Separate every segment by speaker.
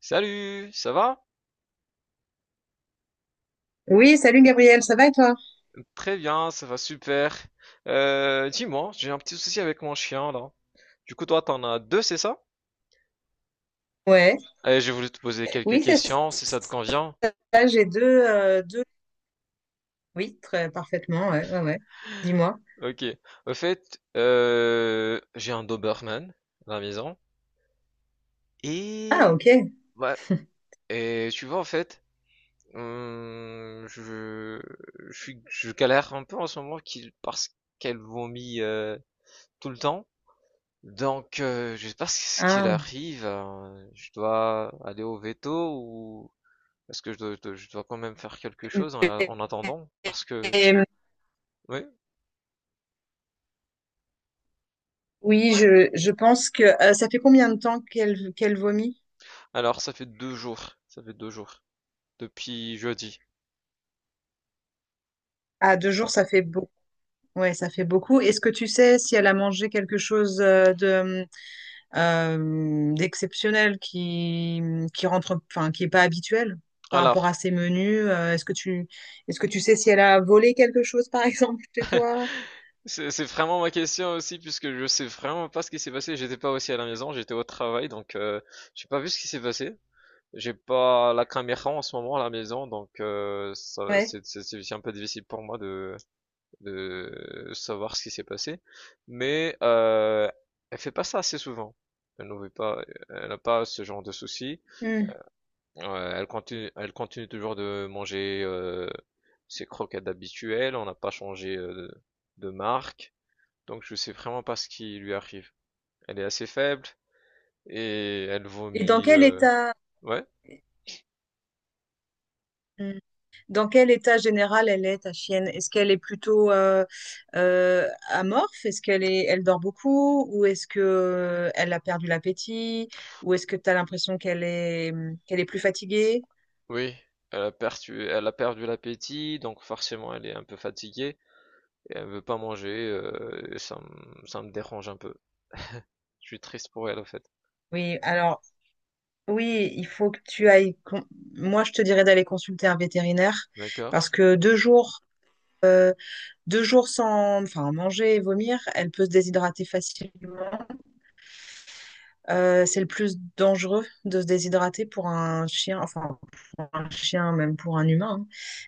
Speaker 1: Salut, ça va?
Speaker 2: Oui, salut Gabriel, ça va et toi?
Speaker 1: Très bien, ça va super. Dis-moi, j'ai un petit souci avec mon chien là. Du coup, toi, t'en as deux, c'est ça?
Speaker 2: Ouais,
Speaker 1: Allez, j'ai voulu te poser quelques
Speaker 2: oui, c'est
Speaker 1: questions, si ça te convient.
Speaker 2: ça, j'ai deux, deux, oui, très parfaitement, ouais, ouais, ouais. Dis-moi.
Speaker 1: Ok. Au fait, j'ai un Doberman à la maison.
Speaker 2: Ah,
Speaker 1: Et
Speaker 2: ok.
Speaker 1: ouais, et tu vois en fait, hum, je, je galère un peu en ce moment parce qu'elle vomit tout le temps. Donc, je sais pas ce qu'il
Speaker 2: Ah.
Speaker 1: arrive. Je dois aller au veto ou est-ce que je dois quand même faire quelque chose en,
Speaker 2: Et,
Speaker 1: en attendant? Parce que
Speaker 2: et-
Speaker 1: oui.
Speaker 2: oui, je pense que ça fait combien de temps qu'elle vomit?
Speaker 1: Alors, ça fait deux jours. Ça fait deux jours depuis jeudi.
Speaker 2: Ah, deux jours, ça fait beaucoup. Ouais, ça fait beaucoup. Est-ce que tu sais si elle a mangé quelque chose de d'exceptionnel qui rentre, enfin qui est pas habituel par rapport
Speaker 1: Alors,
Speaker 2: à ses menus. Est-ce que tu sais si elle a volé quelque chose par exemple chez toi?
Speaker 1: c'est vraiment ma question aussi puisque je sais vraiment pas ce qui s'est passé. J'étais pas aussi à la maison. J'étais au travail, donc j'ai pas vu ce qui s'est passé. J'ai pas la caméra en ce moment à la maison, donc
Speaker 2: Ouais.
Speaker 1: c'est un peu difficile pour moi de savoir ce qui s'est passé, mais elle fait pas ça assez souvent. Elle n'en veut pas, elle n'a pas ce genre de soucis.
Speaker 2: Hmm.
Speaker 1: Elle continue, elle continue toujours de manger ses croquettes habituelles. On n'a pas changé de, marque, donc je sais vraiment pas ce qui lui arrive. Elle est assez faible et elle
Speaker 2: Et dans
Speaker 1: vomit.
Speaker 2: quel état
Speaker 1: Ouais,
Speaker 2: Hmm. Dans quel état général elle est, ta chienne? Est-ce qu'elle est plutôt amorphe? Est-ce qu'elle est elle dort beaucoup ou est-ce que elle a perdu l'appétit ou est-ce que tu as l'impression qu'elle est, hmm, qu'elle est plus fatiguée?
Speaker 1: oui. Elle a perdu l'appétit, donc forcément elle est un peu fatiguée et elle veut pas manger. Et ça me dérange un peu. Je suis triste pour elle, en fait.
Speaker 2: Oui, alors. Oui, il faut que tu ailles. Moi, je te dirais d'aller consulter un vétérinaire parce
Speaker 1: D'accord.
Speaker 2: que euh, deux jours sans, enfin, manger et vomir, elle peut se déshydrater facilement. C'est le plus dangereux de se déshydrater pour un chien, enfin pour un chien, même pour un humain, hein.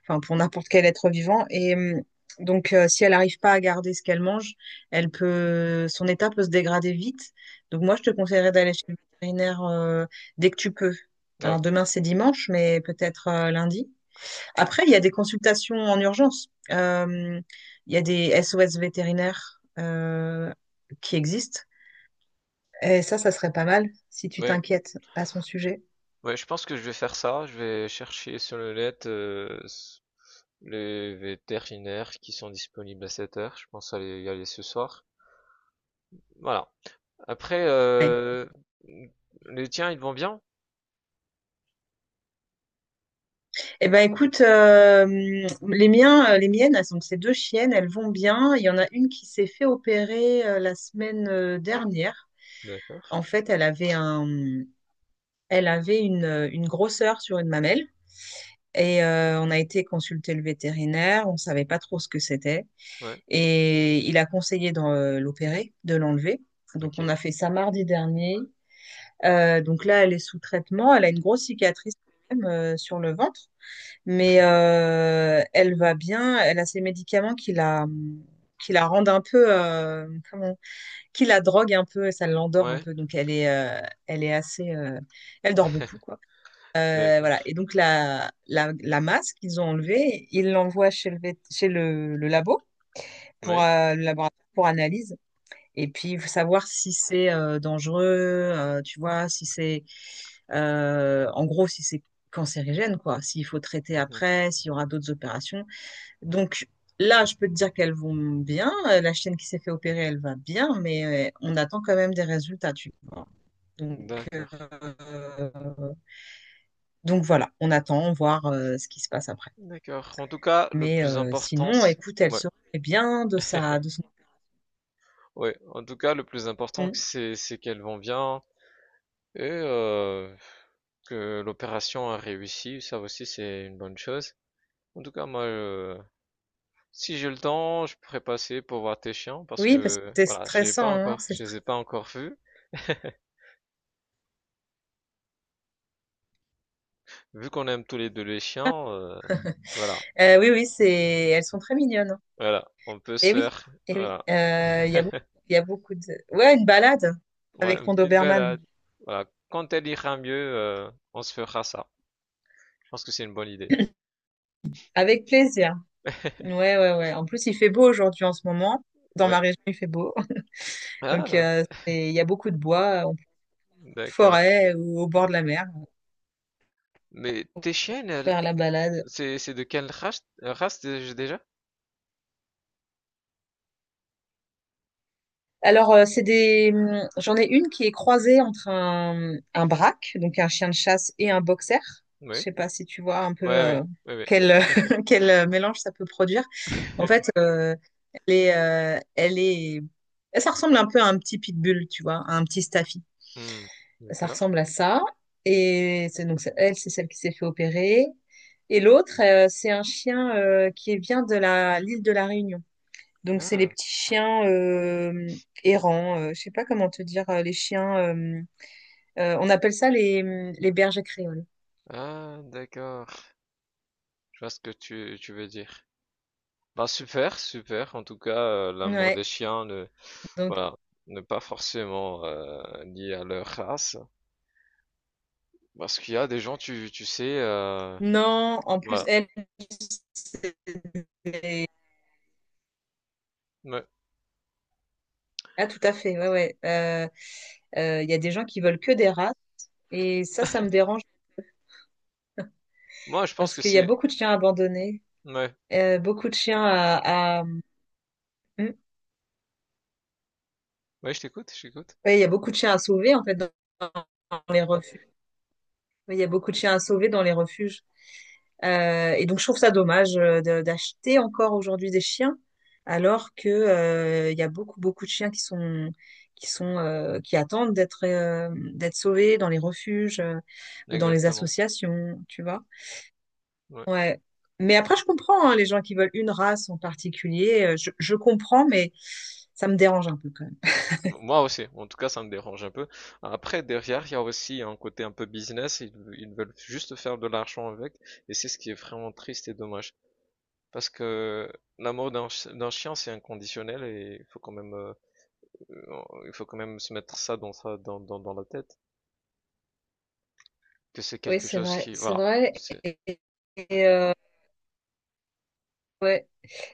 Speaker 2: Enfin, pour n'importe quel être vivant. Et, donc, si elle n'arrive pas à garder ce qu'elle mange, son état peut se dégrader vite. Donc, moi, je te conseillerais d'aller chez le vétérinaire dès que tu peux.
Speaker 1: Ouais,
Speaker 2: Alors, demain, c'est dimanche, mais peut-être lundi. Après, il y a des consultations en urgence. Il y a des SOS vétérinaires qui existent. Et ça serait pas mal si tu
Speaker 1: ouais,
Speaker 2: t'inquiètes à son sujet.
Speaker 1: ouais, je pense que je vais faire ça. Je vais chercher sur le net les vétérinaires qui sont disponibles à cette heure. Je pense aller y aller ce soir. Voilà. Après, les tiens, ils vont bien?
Speaker 2: Eh ben, écoute, les miens, les miennes, elles sont ces deux chiennes, elles vont bien. Il y en a une qui s'est fait opérer la semaine dernière.
Speaker 1: D'accord.
Speaker 2: En fait, elle avait une grosseur sur une mamelle. Et on a été consulter le vétérinaire, on savait pas trop ce que c'était.
Speaker 1: Ouais.
Speaker 2: Et il a conseillé de l'opérer, de l'enlever. Donc on
Speaker 1: Ok.
Speaker 2: a fait ça mardi dernier. Donc là, elle est sous traitement. Elle a une grosse cicatrice quand même, sur le ventre, mais elle va bien. Elle a ses médicaments qui la rendent un peu, qui la drogue un peu, et ça l'endort un
Speaker 1: Ouais.
Speaker 2: peu. Donc elle est assez, elle dort beaucoup quoi. Voilà.
Speaker 1: D'accord.
Speaker 2: Et donc la masse qu'ils ont enlevée, ils l'envoient chez chez le labo pour
Speaker 1: Oui.
Speaker 2: le laboratoire pour analyse. Et puis, il faut savoir si c'est dangereux, tu vois, si c'est, en gros, si c'est cancérigène, quoi, s'il faut traiter
Speaker 1: Mhm.
Speaker 2: après, s'il y aura d'autres opérations. Donc, là, je peux te dire qu'elles vont bien. La chienne qui s'est fait opérer, elle va bien, mais on attend quand même des résultats, tu vois. Donc,
Speaker 1: D'accord.
Speaker 2: euh, donc voilà, on attend voir ce qui se passe après.
Speaker 1: D'accord. En tout cas, le
Speaker 2: Mais
Speaker 1: plus important,
Speaker 2: sinon,
Speaker 1: c'est...
Speaker 2: écoute, elle
Speaker 1: Ouais.
Speaker 2: se remet bien de de son.
Speaker 1: Ouais. En tout cas, le plus important,
Speaker 2: Mm.
Speaker 1: c'est qu'elles vont bien. Et que l'opération a réussi, ça aussi c'est une bonne chose. En tout cas, moi, si j'ai le temps, je pourrais passer pour voir tes chiens parce
Speaker 2: Oui, parce que
Speaker 1: que
Speaker 2: c'est
Speaker 1: voilà, j'ai
Speaker 2: stressant,
Speaker 1: pas
Speaker 2: hein,
Speaker 1: encore,
Speaker 2: c'est.
Speaker 1: je les ai pas encore vus. Vu qu'on aime tous les deux les chiens, voilà,
Speaker 2: Oui, oui, c'est, elles sont très mignonnes.
Speaker 1: voilà, on peut se
Speaker 2: Et oui,
Speaker 1: faire,
Speaker 2: et oui.
Speaker 1: voilà,
Speaker 2: Il y a beaucoup, il y a beaucoup de. Ouais, une balade
Speaker 1: ouais,
Speaker 2: avec
Speaker 1: une
Speaker 2: ton
Speaker 1: petite
Speaker 2: Doberman.
Speaker 1: balade. Voilà, quand elle ira mieux, on se fera ça. Je pense que c'est une bonne idée.
Speaker 2: Avec plaisir. Ouais, ouais, ouais. En plus, il fait beau aujourd'hui en ce moment. Dans
Speaker 1: Ouais.
Speaker 2: ma région, il fait beau. Donc,
Speaker 1: Ah,
Speaker 2: il y a beaucoup de bois,
Speaker 1: d'accord.
Speaker 2: forêt ou au bord de la mer.
Speaker 1: Mais tes chiennes,
Speaker 2: Faire la balade.
Speaker 1: c'est de quelle race, déjà?
Speaker 2: Alors, c'est des. J'en ai une qui est croisée entre un braque, donc un chien de chasse, et un boxer. Je
Speaker 1: Oui.
Speaker 2: sais pas si tu vois un peu
Speaker 1: Ouais, ouais, ouais, ouais.
Speaker 2: quel, quel mélange ça peut produire. En fait, elle est. Ça ressemble un peu à un petit pitbull, tu vois, à un petit staffy.
Speaker 1: Hmm,
Speaker 2: Ça
Speaker 1: d'accord.
Speaker 2: ressemble à ça. Et elle, c'est celle qui s'est fait opérer. Et l'autre, c'est un chien qui vient de la l'île de la Réunion. Donc, c'est les
Speaker 1: Ah,
Speaker 2: petits chiens errants. Je sais pas comment te dire, les chiens. On appelle ça les bergers créoles.
Speaker 1: ah, d'accord. Je vois ce que tu veux dire. Bah super, super. En tout cas, l'amour des
Speaker 2: Ouais.
Speaker 1: chiens ne,
Speaker 2: Donc,
Speaker 1: voilà, n'est pas forcément lié à leur race, parce qu'il y a des gens, tu sais,
Speaker 2: non, en plus,
Speaker 1: voilà.
Speaker 2: elle est...
Speaker 1: Ouais.
Speaker 2: Ah, tout à fait. Ouais, ouais. Il y a des gens qui veulent que des races. Et ça me dérange
Speaker 1: Moi, je pense
Speaker 2: parce
Speaker 1: que
Speaker 2: qu'il y a
Speaker 1: c'est,
Speaker 2: beaucoup de chiens abandonnés.
Speaker 1: ouais,
Speaker 2: Beaucoup de chiens hmm.
Speaker 1: ouais, je t'écoute, je t'écoute.
Speaker 2: Ouais, il y a beaucoup de chiens à sauver, en fait, dans les refuges. Ouais, il y a beaucoup de chiens à sauver dans les refuges. Et donc, je trouve ça dommage d'acheter encore aujourd'hui des chiens, alors que il y a beaucoup, beaucoup de chiens qui sont qui attendent d'être d'être sauvés dans les refuges ou dans les
Speaker 1: Exactement.
Speaker 2: associations, tu vois.
Speaker 1: Ouais.
Speaker 2: Ouais. Mais après, je comprends hein, les gens qui veulent une race en particulier. Je comprends, mais ça me dérange un peu quand même.
Speaker 1: Moi aussi, en tout cas, ça me dérange un peu. Après, derrière, il y a aussi un côté un peu business, ils veulent juste faire de l'argent avec, et c'est ce qui est vraiment triste et dommage. Parce que l'amour d'un chien, c'est inconditionnel, et il faut quand même, euh, il faut quand même se mettre ça dans dans la tête, que c'est
Speaker 2: Oui,
Speaker 1: quelque
Speaker 2: c'est
Speaker 1: chose
Speaker 2: vrai,
Speaker 1: qui,
Speaker 2: c'est
Speaker 1: voilà,
Speaker 2: vrai.
Speaker 1: c'est,
Speaker 2: Et, et, euh, ouais.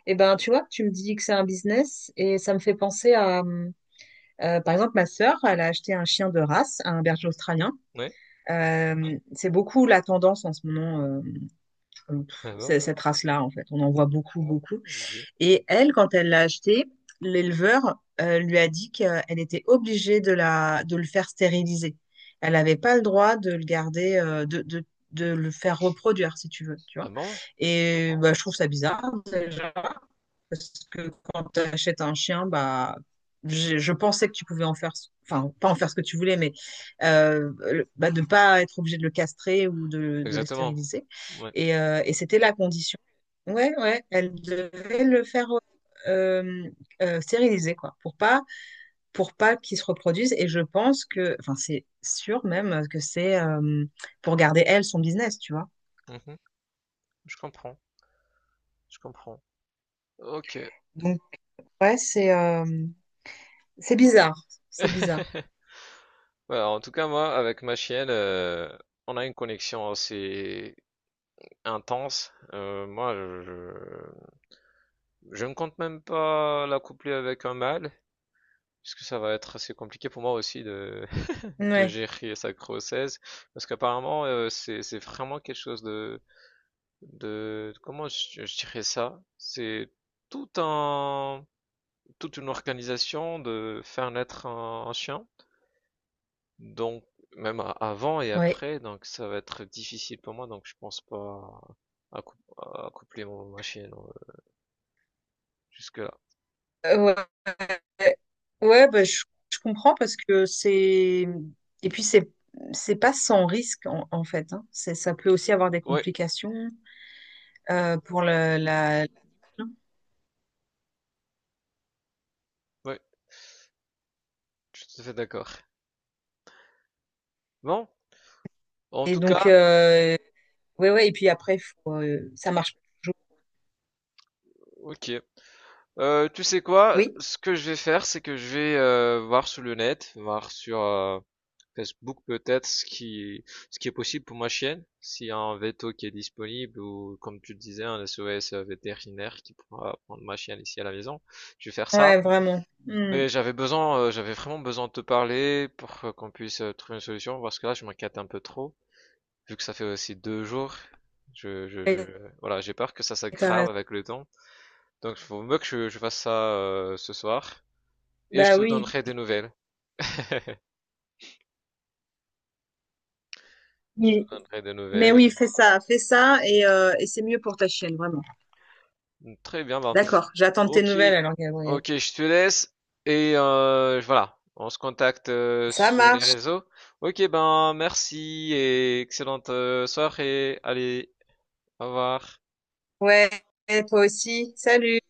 Speaker 2: Et ben, tu vois, tu me dis que c'est un business et ça me fait penser à. Par exemple, ma sœur, elle a acheté un chien de race, un berger australien.
Speaker 1: ouais,
Speaker 2: C'est beaucoup la tendance en ce moment,
Speaker 1: ah bon,
Speaker 2: cette race-là, en fait. On en voit beaucoup, beaucoup. Et elle, quand elle l'a acheté, l'éleveur lui a dit qu'elle était obligée de le faire stériliser. Elle n'avait pas le droit de le garder, de le faire reproduire, si tu veux, tu
Speaker 1: ah
Speaker 2: vois.
Speaker 1: bon,
Speaker 2: Et bah, je trouve ça bizarre, déjà. Parce que quand tu achètes un chien, bah, je pensais que tu pouvais en faire, enfin, pas en faire ce que tu voulais, mais bah, de ne pas être obligé de le castrer ou de le
Speaker 1: exactement.
Speaker 2: stériliser.
Speaker 1: Ouais.
Speaker 2: Et c'était la condition. Ouais, ouais, elle devait le faire euh, stériliser, quoi, pour pas qu'il se reproduise. Et je pense que, enfin, c'est sûr même que c'est pour garder, elle, son business, tu vois.
Speaker 1: Mhm. Je comprends, je comprends. Ok.
Speaker 2: Donc, ouais, c'est bizarre. C'est bizarre.
Speaker 1: Ouais, en tout cas, moi, avec ma chienne, on a une connexion assez intense. Je ne compte même pas la coupler avec un mâle, puisque ça va être assez compliqué pour moi aussi de
Speaker 2: Ouais,
Speaker 1: gérer sa grossesse parce qu'apparemment c'est vraiment quelque chose de comment je dirais ça? C'est tout un toute une organisation de faire naître un chien. Donc même avant et
Speaker 2: ouais.
Speaker 1: après donc ça va être difficile pour moi donc je pense pas à, à coupler mon ma chienne jusque-là.
Speaker 2: Ouais, ouais, bah, je comprends parce que c'est... Et puis, c'est pas sans risque, en fait, hein. C'est, ça peut aussi avoir des
Speaker 1: Ouais,
Speaker 2: complications pour la...
Speaker 1: ouais, je suis tout à fait d'accord. Bon, en
Speaker 2: Et
Speaker 1: tout cas,
Speaker 2: donc, ouais, ouais. Et puis après, faut, ça marche pas toujours.
Speaker 1: OK, tu sais quoi?
Speaker 2: Oui,
Speaker 1: Ce que je vais faire, c'est que je vais voir sur le net, voir sur Facebook peut-être ce qui est possible pour ma chienne, s'il y a un veto qui est disponible ou comme tu le disais un SOS vétérinaire qui pourra prendre ma chienne ici à la maison. Je vais faire ça.
Speaker 2: ouais, vraiment. Hmm.
Speaker 1: Mais j'avais vraiment besoin de te parler pour qu'on puisse trouver une solution parce que là je m'inquiète un peu trop vu que ça fait aussi deux jours. Je, je, je,
Speaker 2: Et
Speaker 1: voilà, j'ai peur que ça
Speaker 2: t'as
Speaker 1: s'aggrave
Speaker 2: raison.
Speaker 1: avec le temps. Donc, il faut mieux que je fasse ça ce soir. Et je
Speaker 2: Bah
Speaker 1: te
Speaker 2: oui.
Speaker 1: donnerai des nouvelles. Je te
Speaker 2: Mais,
Speaker 1: donnerai des
Speaker 2: mais
Speaker 1: nouvelles.
Speaker 2: oui, fais ça, fais ça.
Speaker 1: Voilà.
Speaker 2: Et c'est mieux pour ta chienne, vraiment.
Speaker 1: Mmh, très bien, ben.
Speaker 2: D'accord, j'attends de tes
Speaker 1: Ok,
Speaker 2: nouvelles alors, Gabriel.
Speaker 1: ok, je te laisse. Et voilà, on se contacte
Speaker 2: Ça
Speaker 1: sur les
Speaker 2: marche.
Speaker 1: réseaux. Ok, ben merci et excellente soirée. Allez, au revoir.
Speaker 2: Ouais, toi aussi. Salut.